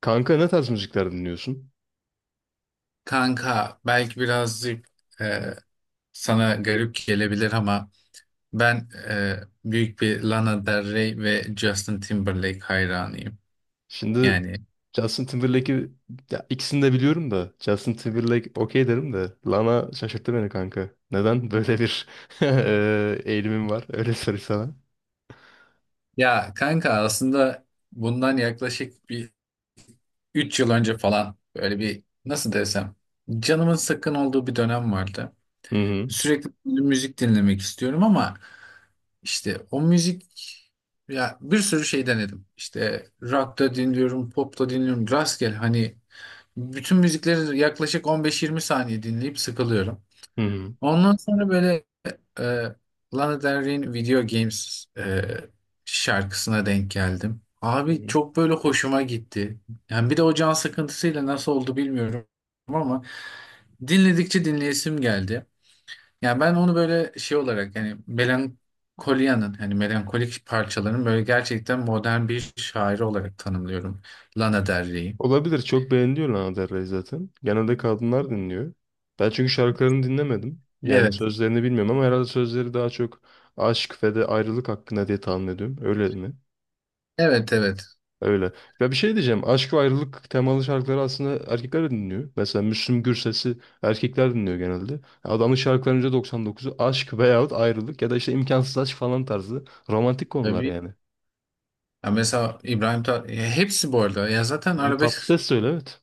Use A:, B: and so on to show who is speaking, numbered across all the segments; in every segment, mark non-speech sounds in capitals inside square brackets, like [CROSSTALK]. A: Kanka ne tarz müzikler dinliyorsun?
B: Kanka belki birazcık e, sana garip gelebilir ama ben büyük bir Lana Del Rey ve Justin Timberlake hayranıyım.
A: Şimdi
B: Yani,
A: Justin Timberlake'i Ya ikisini de biliyorum da Justin Timberlake okey derim de Lana şaşırttı beni kanka. Neden böyle bir [LAUGHS] eğilimim var? Öyle sorayım sana.
B: ya kanka aslında bundan yaklaşık bir 3 yıl önce falan, böyle bir, nasıl desem, canımın sıkkın olduğu bir dönem vardı.
A: Hı hı.
B: Sürekli müzik dinlemek istiyorum ama işte o müzik, ya bir sürü şey denedim. İşte rock da dinliyorum, pop da dinliyorum. Rastgele, hani bütün müzikleri yaklaşık on beş 20 saniye dinleyip sıkılıyorum.
A: Hı hı.
B: Ondan sonra böyle e, Lana Del Rey'in Video Games şarkısına denk geldim.
A: Hı
B: Abi
A: hı.
B: çok böyle hoşuma gitti. Yani bir de o can sıkıntısıyla nasıl oldu bilmiyorum ama dinledikçe dinleyesim geldi. Yani ben onu böyle şey olarak, yani Melankolia'nın, hani melankolik parçaların böyle gerçekten modern bir şairi olarak tanımlıyorum Lana Del Rey'i.
A: Olabilir. Çok beğeniliyor Lana Del Rey zaten. Genelde kadınlar dinliyor. Ben çünkü şarkılarını dinlemedim. Yani
B: Evet.
A: sözlerini bilmiyorum ama herhalde sözleri daha çok aşk ve de ayrılık hakkında diye tahmin ediyorum. Öyle mi?
B: Evet, evet.
A: Öyle. Ya bir şey diyeceğim. Aşk ve ayrılık temalı şarkıları aslında erkekler de dinliyor. Mesela Müslüm Gürses'i erkekler dinliyor genelde. Adamın şarkılarının %99'u aşk veyahut ayrılık ya da işte imkansız aşk falan tarzı romantik konular
B: Tabii.
A: yani.
B: Ya mesela İbrahim Tat, ya hepsi bu arada. Ya zaten
A: Bunu tatlı
B: arabesk
A: ses söyle, evet.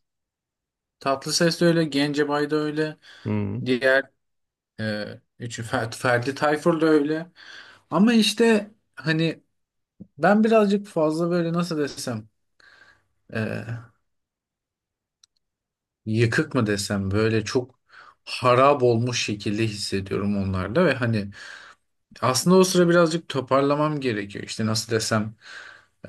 B: Tatlıses de öyle, Gencebay da öyle,
A: Hı hı.
B: diğer, e, üçü, Ferdi Tayfur da öyle. Ama işte hani ben birazcık fazla böyle, nasıl desem, e, yıkık mı desem, böyle çok harap olmuş şekilde hissediyorum onlarda ve hani aslında o sıra birazcık toparlamam gerekiyor. İşte nasıl desem,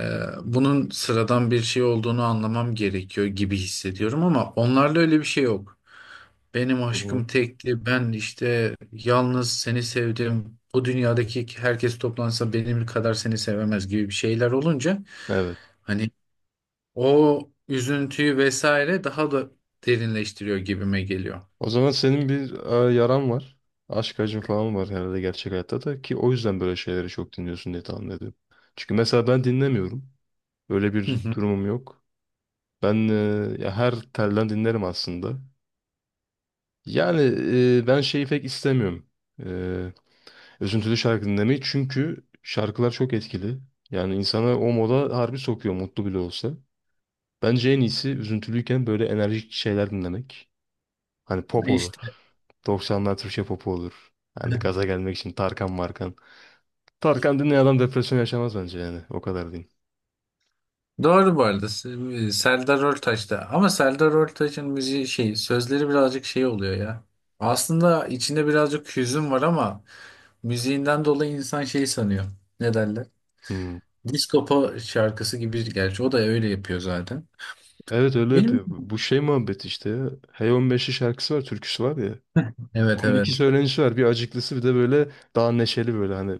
B: e, bunun sıradan bir şey olduğunu anlamam gerekiyor gibi hissediyorum ama onlarda öyle bir şey yok. Benim
A: Hı hı.
B: aşkım tekti. Ben işte yalnız seni sevdim. Bu dünyadaki herkes toplansa benim kadar seni sevemez gibi bir şeyler olunca,
A: Evet.
B: hani o üzüntüyü vesaire daha da derinleştiriyor gibime geliyor.
A: O zaman senin bir yaran var. Aşk acın falan var herhalde gerçek hayatta da, ki o yüzden böyle şeyleri çok dinliyorsun diye tahmin ediyorum. Çünkü mesela ben dinlemiyorum. Öyle
B: Hı
A: bir
B: hı.
A: durumum yok. Ben ya her telden dinlerim aslında. Yani ben şeyi pek istemiyorum. E, Üzüntülü şarkı dinlemeyi, çünkü şarkılar çok etkili. Yani insana o moda harbi sokuyor, mutlu bile olsa. Bence en iyisi üzüntülüyken böyle enerjik şeyler dinlemek. Hani pop olur.
B: İşte
A: 90'lar Türkçe popu olur. Hani
B: [LAUGHS]
A: gaza gelmek için Tarkan Markan. Tarkan dinleyen adam depresyon yaşamaz bence yani. O kadar diyeyim.
B: doğru bu arada. Serdar Ortaç'ta, ama Serdar Ortaç'ın müziği, şey, sözleri birazcık şey oluyor ya. Aslında içinde birazcık hüzün var ama müziğinden dolayı insan şey sanıyor. Ne derler?
A: Hmm.
B: Disco Po- şarkısı gibi, gerçi o da öyle yapıyor zaten.
A: Evet, öyle
B: Benim
A: yapıyor. Bu şey muhabbet işte ya. Hey 15'i şarkısı var, türküsü var ya.
B: evet,
A: Bunun iki
B: evet.
A: söylenişi var. Bir acıklısı, bir de böyle daha neşeli böyle hani.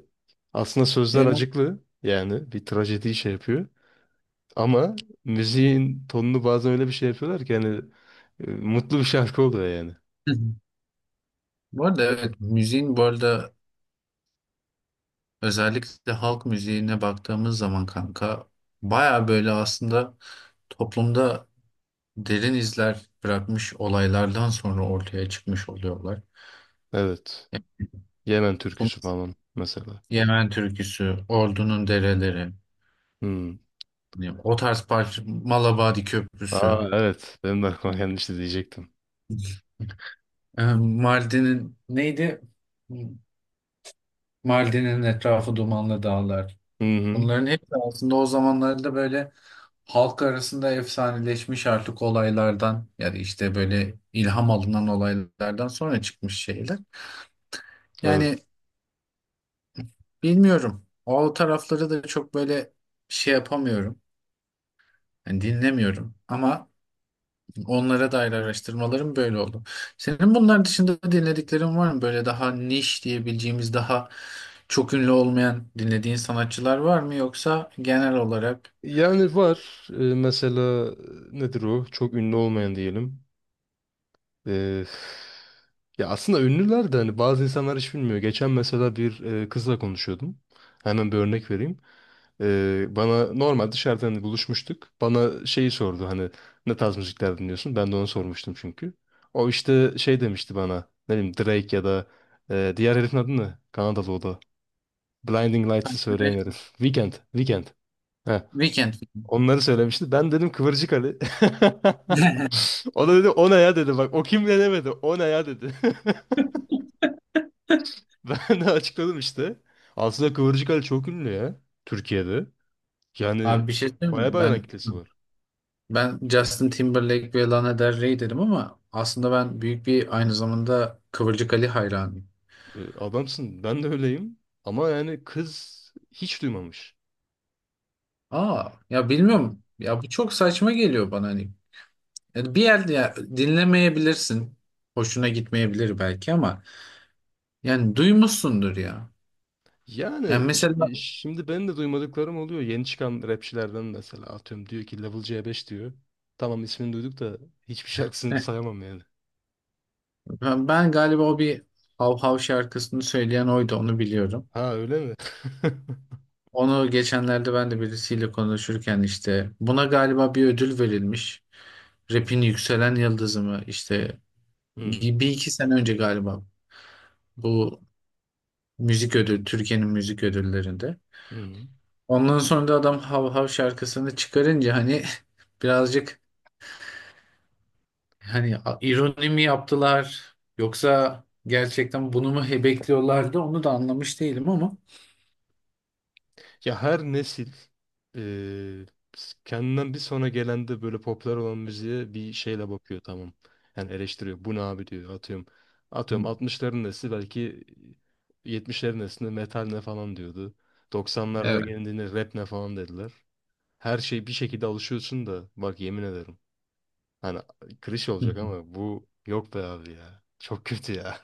A: Aslında sözler
B: E,
A: acıklı. Yani bir trajediyi şey yapıyor. Ama müziğin tonunu bazen öyle bir şey yapıyorlar ki hani mutlu bir şarkı oluyor yani.
B: hı. Bu arada evet, müziğin bu arada, özellikle halk müziğine baktığımız zaman kanka, baya böyle aslında toplumda derin izler bırakmış olaylardan sonra ortaya çıkmış oluyorlar.
A: Evet.
B: Yani
A: Yemen
B: bu
A: türküsü falan mesela.
B: Yemen türküsü, Ordu'nun dereleri,
A: Hmm.
B: hani o tarz parça Malabadi Köprüsü,
A: Aa, evet. Benim de aklıma gelmişti diyecektim.
B: Mardin'in neydi? Mardin'in etrafı dumanlı dağlar.
A: Hı hı.
B: Bunların hepsi aslında o zamanlarda böyle halk arasında efsaneleşmiş artık olaylardan ya da işte böyle ilham alınan olaylardan sonra çıkmış şeyler.
A: Evet.
B: Yani bilmiyorum, o tarafları da çok böyle şey yapamıyorum. Yani dinlemiyorum ama onlara dair araştırmalarım böyle oldu. Senin bunlar dışında dinlediklerin var mı? Böyle daha niş diyebileceğimiz, daha çok ünlü olmayan dinlediğin sanatçılar var mı, yoksa genel olarak?
A: Yani var. Mesela nedir o? Çok ünlü olmayan diyelim. E, ya aslında ünlüler de, hani bazı insanlar hiç bilmiyor. Geçen mesela bir kızla konuşuyordum. Hemen bir örnek vereyim. Bana normal dışarıdan, hani buluşmuştuk. Bana şeyi sordu, hani ne tarz müzikler dinliyorsun? Ben de onu sormuştum çünkü. O işte şey demişti bana. Ne bileyim, Drake ya da diğer herifin adı ne? Kanadalı o da. Blinding Lights'ı söyleyen
B: Evet,
A: herif. Weekend. Weekend. Heh.
B: Weekend.
A: Onları söylemişti. Ben dedim Kıvırcık Ali. [LAUGHS]
B: [LAUGHS]
A: O da dedi o ne ya dedi. Bak o kim ne demedi. O ne ya dedi. [LAUGHS] Ben de açıkladım işte. Aslında Kıvırcık Ali çok ünlü ya. Türkiye'de. Yani
B: Abi bir şey söyleyeyim
A: bayağı bir
B: mi?
A: hayran
B: Ben
A: kitlesi var.
B: ben Justin Timberlake ve Lana Del Rey dedim ama aslında ben büyük bir, aynı zamanda Kıvırcık Ali hayranıyım.
A: E, adamsın. Ben de öyleyim. Ama yani kız hiç duymamış.
B: Aa, ya
A: Evet.
B: bilmiyorum. Ya bu çok saçma geliyor bana, hani. Yani bir yerde ya, dinlemeyebilirsin. Hoşuna gitmeyebilir belki ama yani duymuşsundur ya. Yani
A: Yani
B: mesela
A: şimdi ben de duymadıklarım oluyor. Yeni çıkan rapçilerden mesela, atıyorum diyor ki Level C5 diyor. Tamam, ismini duyduk da hiçbir şarkısını
B: [LAUGHS]
A: sayamam yani.
B: ben galiba o bir Hav Hav şarkısını söyleyen oydu, onu biliyorum.
A: Ha, öyle mi?
B: Onu geçenlerde ben de birisiyle konuşurken işte, buna galiba bir ödül verilmiş. Rap'in yükselen yıldızı mı işte,
A: [LAUGHS] Hı
B: bir iki sene önce galiba, bu müzik ödül Türkiye'nin müzik ödüllerinde.
A: hı.
B: Ondan sonra da adam Hav Hav şarkısını çıkarınca hani [LAUGHS] birazcık, hani a- ironi mi yaptılar yoksa gerçekten bunu mu he- bekliyorlardı, onu da anlamış değilim ama.
A: Ya her nesil eee, kendinden bir sonra gelen de böyle popüler olan müziğe bir şeyle bakıyor, tamam. Yani eleştiriyor. Bu ne abi diyor, atıyorum. Atıyorum
B: Hı.
A: altmışların nesli belki, yetmişlerin neslinde metal ne falan diyordu. 90'larda
B: Evet.
A: geldiğinde rap ne falan dediler. Her şey, bir şekilde alışıyorsun da bak, yemin ederim. Hani klişe olacak
B: [LAUGHS]
A: ama bu yok be abi ya. Çok kötü ya.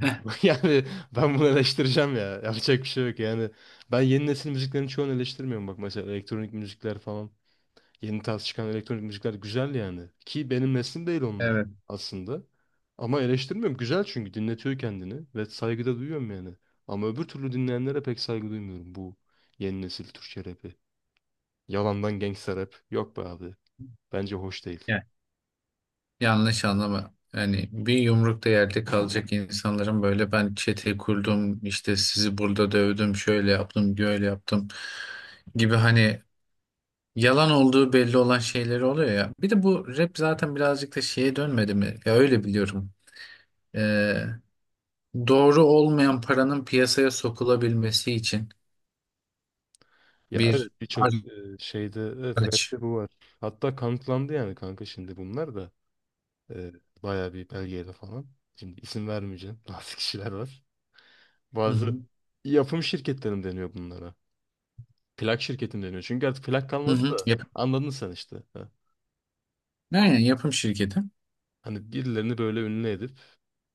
B: Heh.
A: [LAUGHS] Yani ben bunu eleştireceğim ya. Yapacak bir şey yok yani. Ben yeni nesil müziklerin çoğunu eleştirmiyorum bak, mesela elektronik müzikler falan. Yeni tarz çıkan elektronik müzikler güzel yani. Ki benim neslim değil onlar
B: Evet.
A: aslında. Ama eleştirmiyorum. Güzel, çünkü dinletiyor kendini ve saygıda duyuyorum yani. Ama öbür türlü dinleyenlere pek saygı duymuyorum, bu yeni nesil Türkçe rapi. Yalandan gangsta rap. Yok be abi. Bence hoş değil.
B: Yanlış anlama. Yani bir yumrukta yerde kalacak insanların böyle, ben çete kurdum, işte sizi burada dövdüm, şöyle yaptım, böyle yaptım gibi, hani yalan olduğu belli olan şeyleri oluyor ya. Bir de bu rap zaten birazcık da şeye dönmedi mi? Ya öyle biliyorum. Ee, doğru olmayan paranın piyasaya sokulabilmesi için
A: Ya
B: bir
A: evet, birçok şeyde, evet,
B: araç.
A: rapte bu var. Hatta kanıtlandı yani kanka, şimdi bunlar da. Ee, Bayağı bir belgeyle falan. Şimdi isim vermeyeceğim. [LAUGHS] Bazı kişiler var.
B: Hı
A: Bazı
B: hı.
A: yapım şirketlerim deniyor bunlara. Plak şirketim deniyor. Çünkü artık plak
B: Hı
A: kalmadı
B: hı.
A: da, anladın sen işte.
B: Aynen, yapım şirketi.
A: Hani birilerini böyle ünlü edip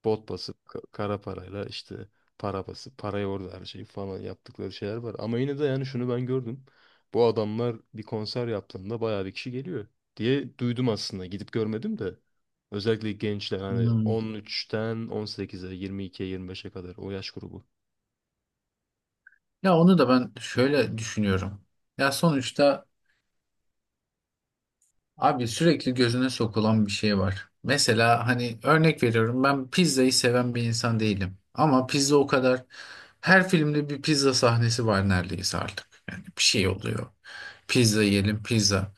A: bot basıp kara parayla işte para basıp parayı orada her şeyi falan yaptıkları şeyler var. Ama yine de yani şunu ben gördüm. Bu adamlar bir konser yaptığında bayağı bir kişi geliyor diye duydum aslında. Gidip görmedim de. Özellikle gençler hani
B: Hmm.
A: 13'ten 18'e, 22'ye, 25'e kadar o yaş grubu.
B: Ya onu da ben şöyle düşünüyorum. Ya sonuçta abi sürekli gözüne sokulan bir şey var. Mesela hani örnek veriyorum, ben pizzayı seven bir insan değilim. Ama pizza o kadar, her filmde bir pizza sahnesi var neredeyse artık. Yani bir şey oluyor. Pizza yiyelim pizza.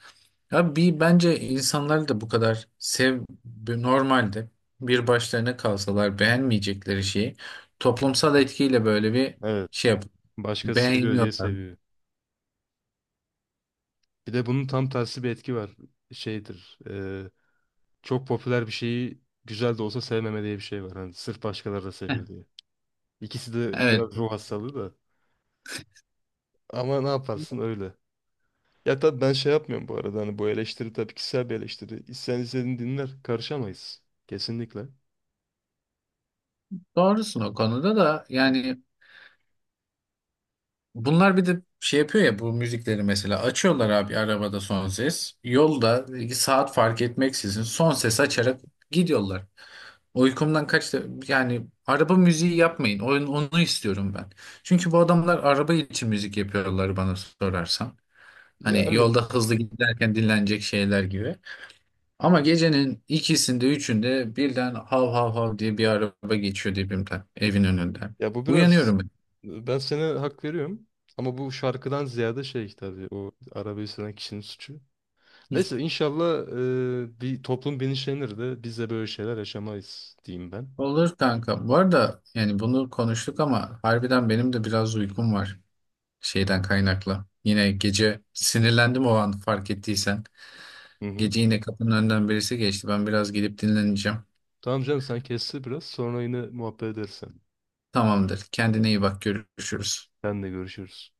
B: Ya bir, bence insanlar da bu kadar normalde bir başlarına kalsalar beğenmeyecekleri şeyi toplumsal etkiyle böyle bir
A: Evet.
B: şey
A: Başkası seviyor diye
B: beğeniyorlar.
A: seviyor.
B: [LAUGHS]
A: Bir de bunun tam tersi bir etki var. Şeydir. Çok popüler bir şeyi güzel de olsa sevmeme diye bir şey var. Hani sırf başkaları da seviyor diye. İkisi de
B: Evet,
A: biraz ruh hastalığı da. Ama ne yaparsın öyle. Ya tabii ben şey yapmıyorum bu arada. Hani bu eleştiri tabii kişisel bir eleştiri. İsteyen istediğini dinler. Karışamayız. Kesinlikle.
B: doğrusun o konuda da yani. Bunlar bir de şey yapıyor ya, bu müzikleri mesela açıyorlar abi, arabada son ses. Yolda saat fark etmeksizin son ses açarak gidiyorlar. Uykumdan kaçtı, yani araba müziği yapmayın. Onu istiyorum ben. Çünkü bu adamlar araba için müzik yapıyorlar bana sorarsan.
A: Ya
B: Hani yolda
A: evet.
B: hızlı giderken dinlenecek şeyler gibi. Ama gecenin ikisinde üçünde birden hav hav hav diye bir araba geçiyor dibimden, evin önünden.
A: Ya bu biraz,
B: Uyanıyorum.
A: ben sana hak veriyorum. Ama bu şarkıdan ziyade şey tabii, o arabayı süren kişinin suçu. Neyse, inşallah bir toplum bilinçlenir de biz de böyle şeyler yaşamayız diyeyim ben.
B: Olur kanka. Bu arada yani bunu konuştuk ama harbiden benim de biraz uykum var, şeyden kaynaklı. Yine gece sinirlendim, o an fark ettiysen.
A: Hı hı.
B: Gece yine kapının önünden birisi geçti. Ben biraz gidip dinleneceğim.
A: Tamam canım, sen kestir biraz, sonra yine muhabbet edersen.
B: Tamamdır. Kendine iyi bak. Görüşürüz.
A: Sen de görüşürüz.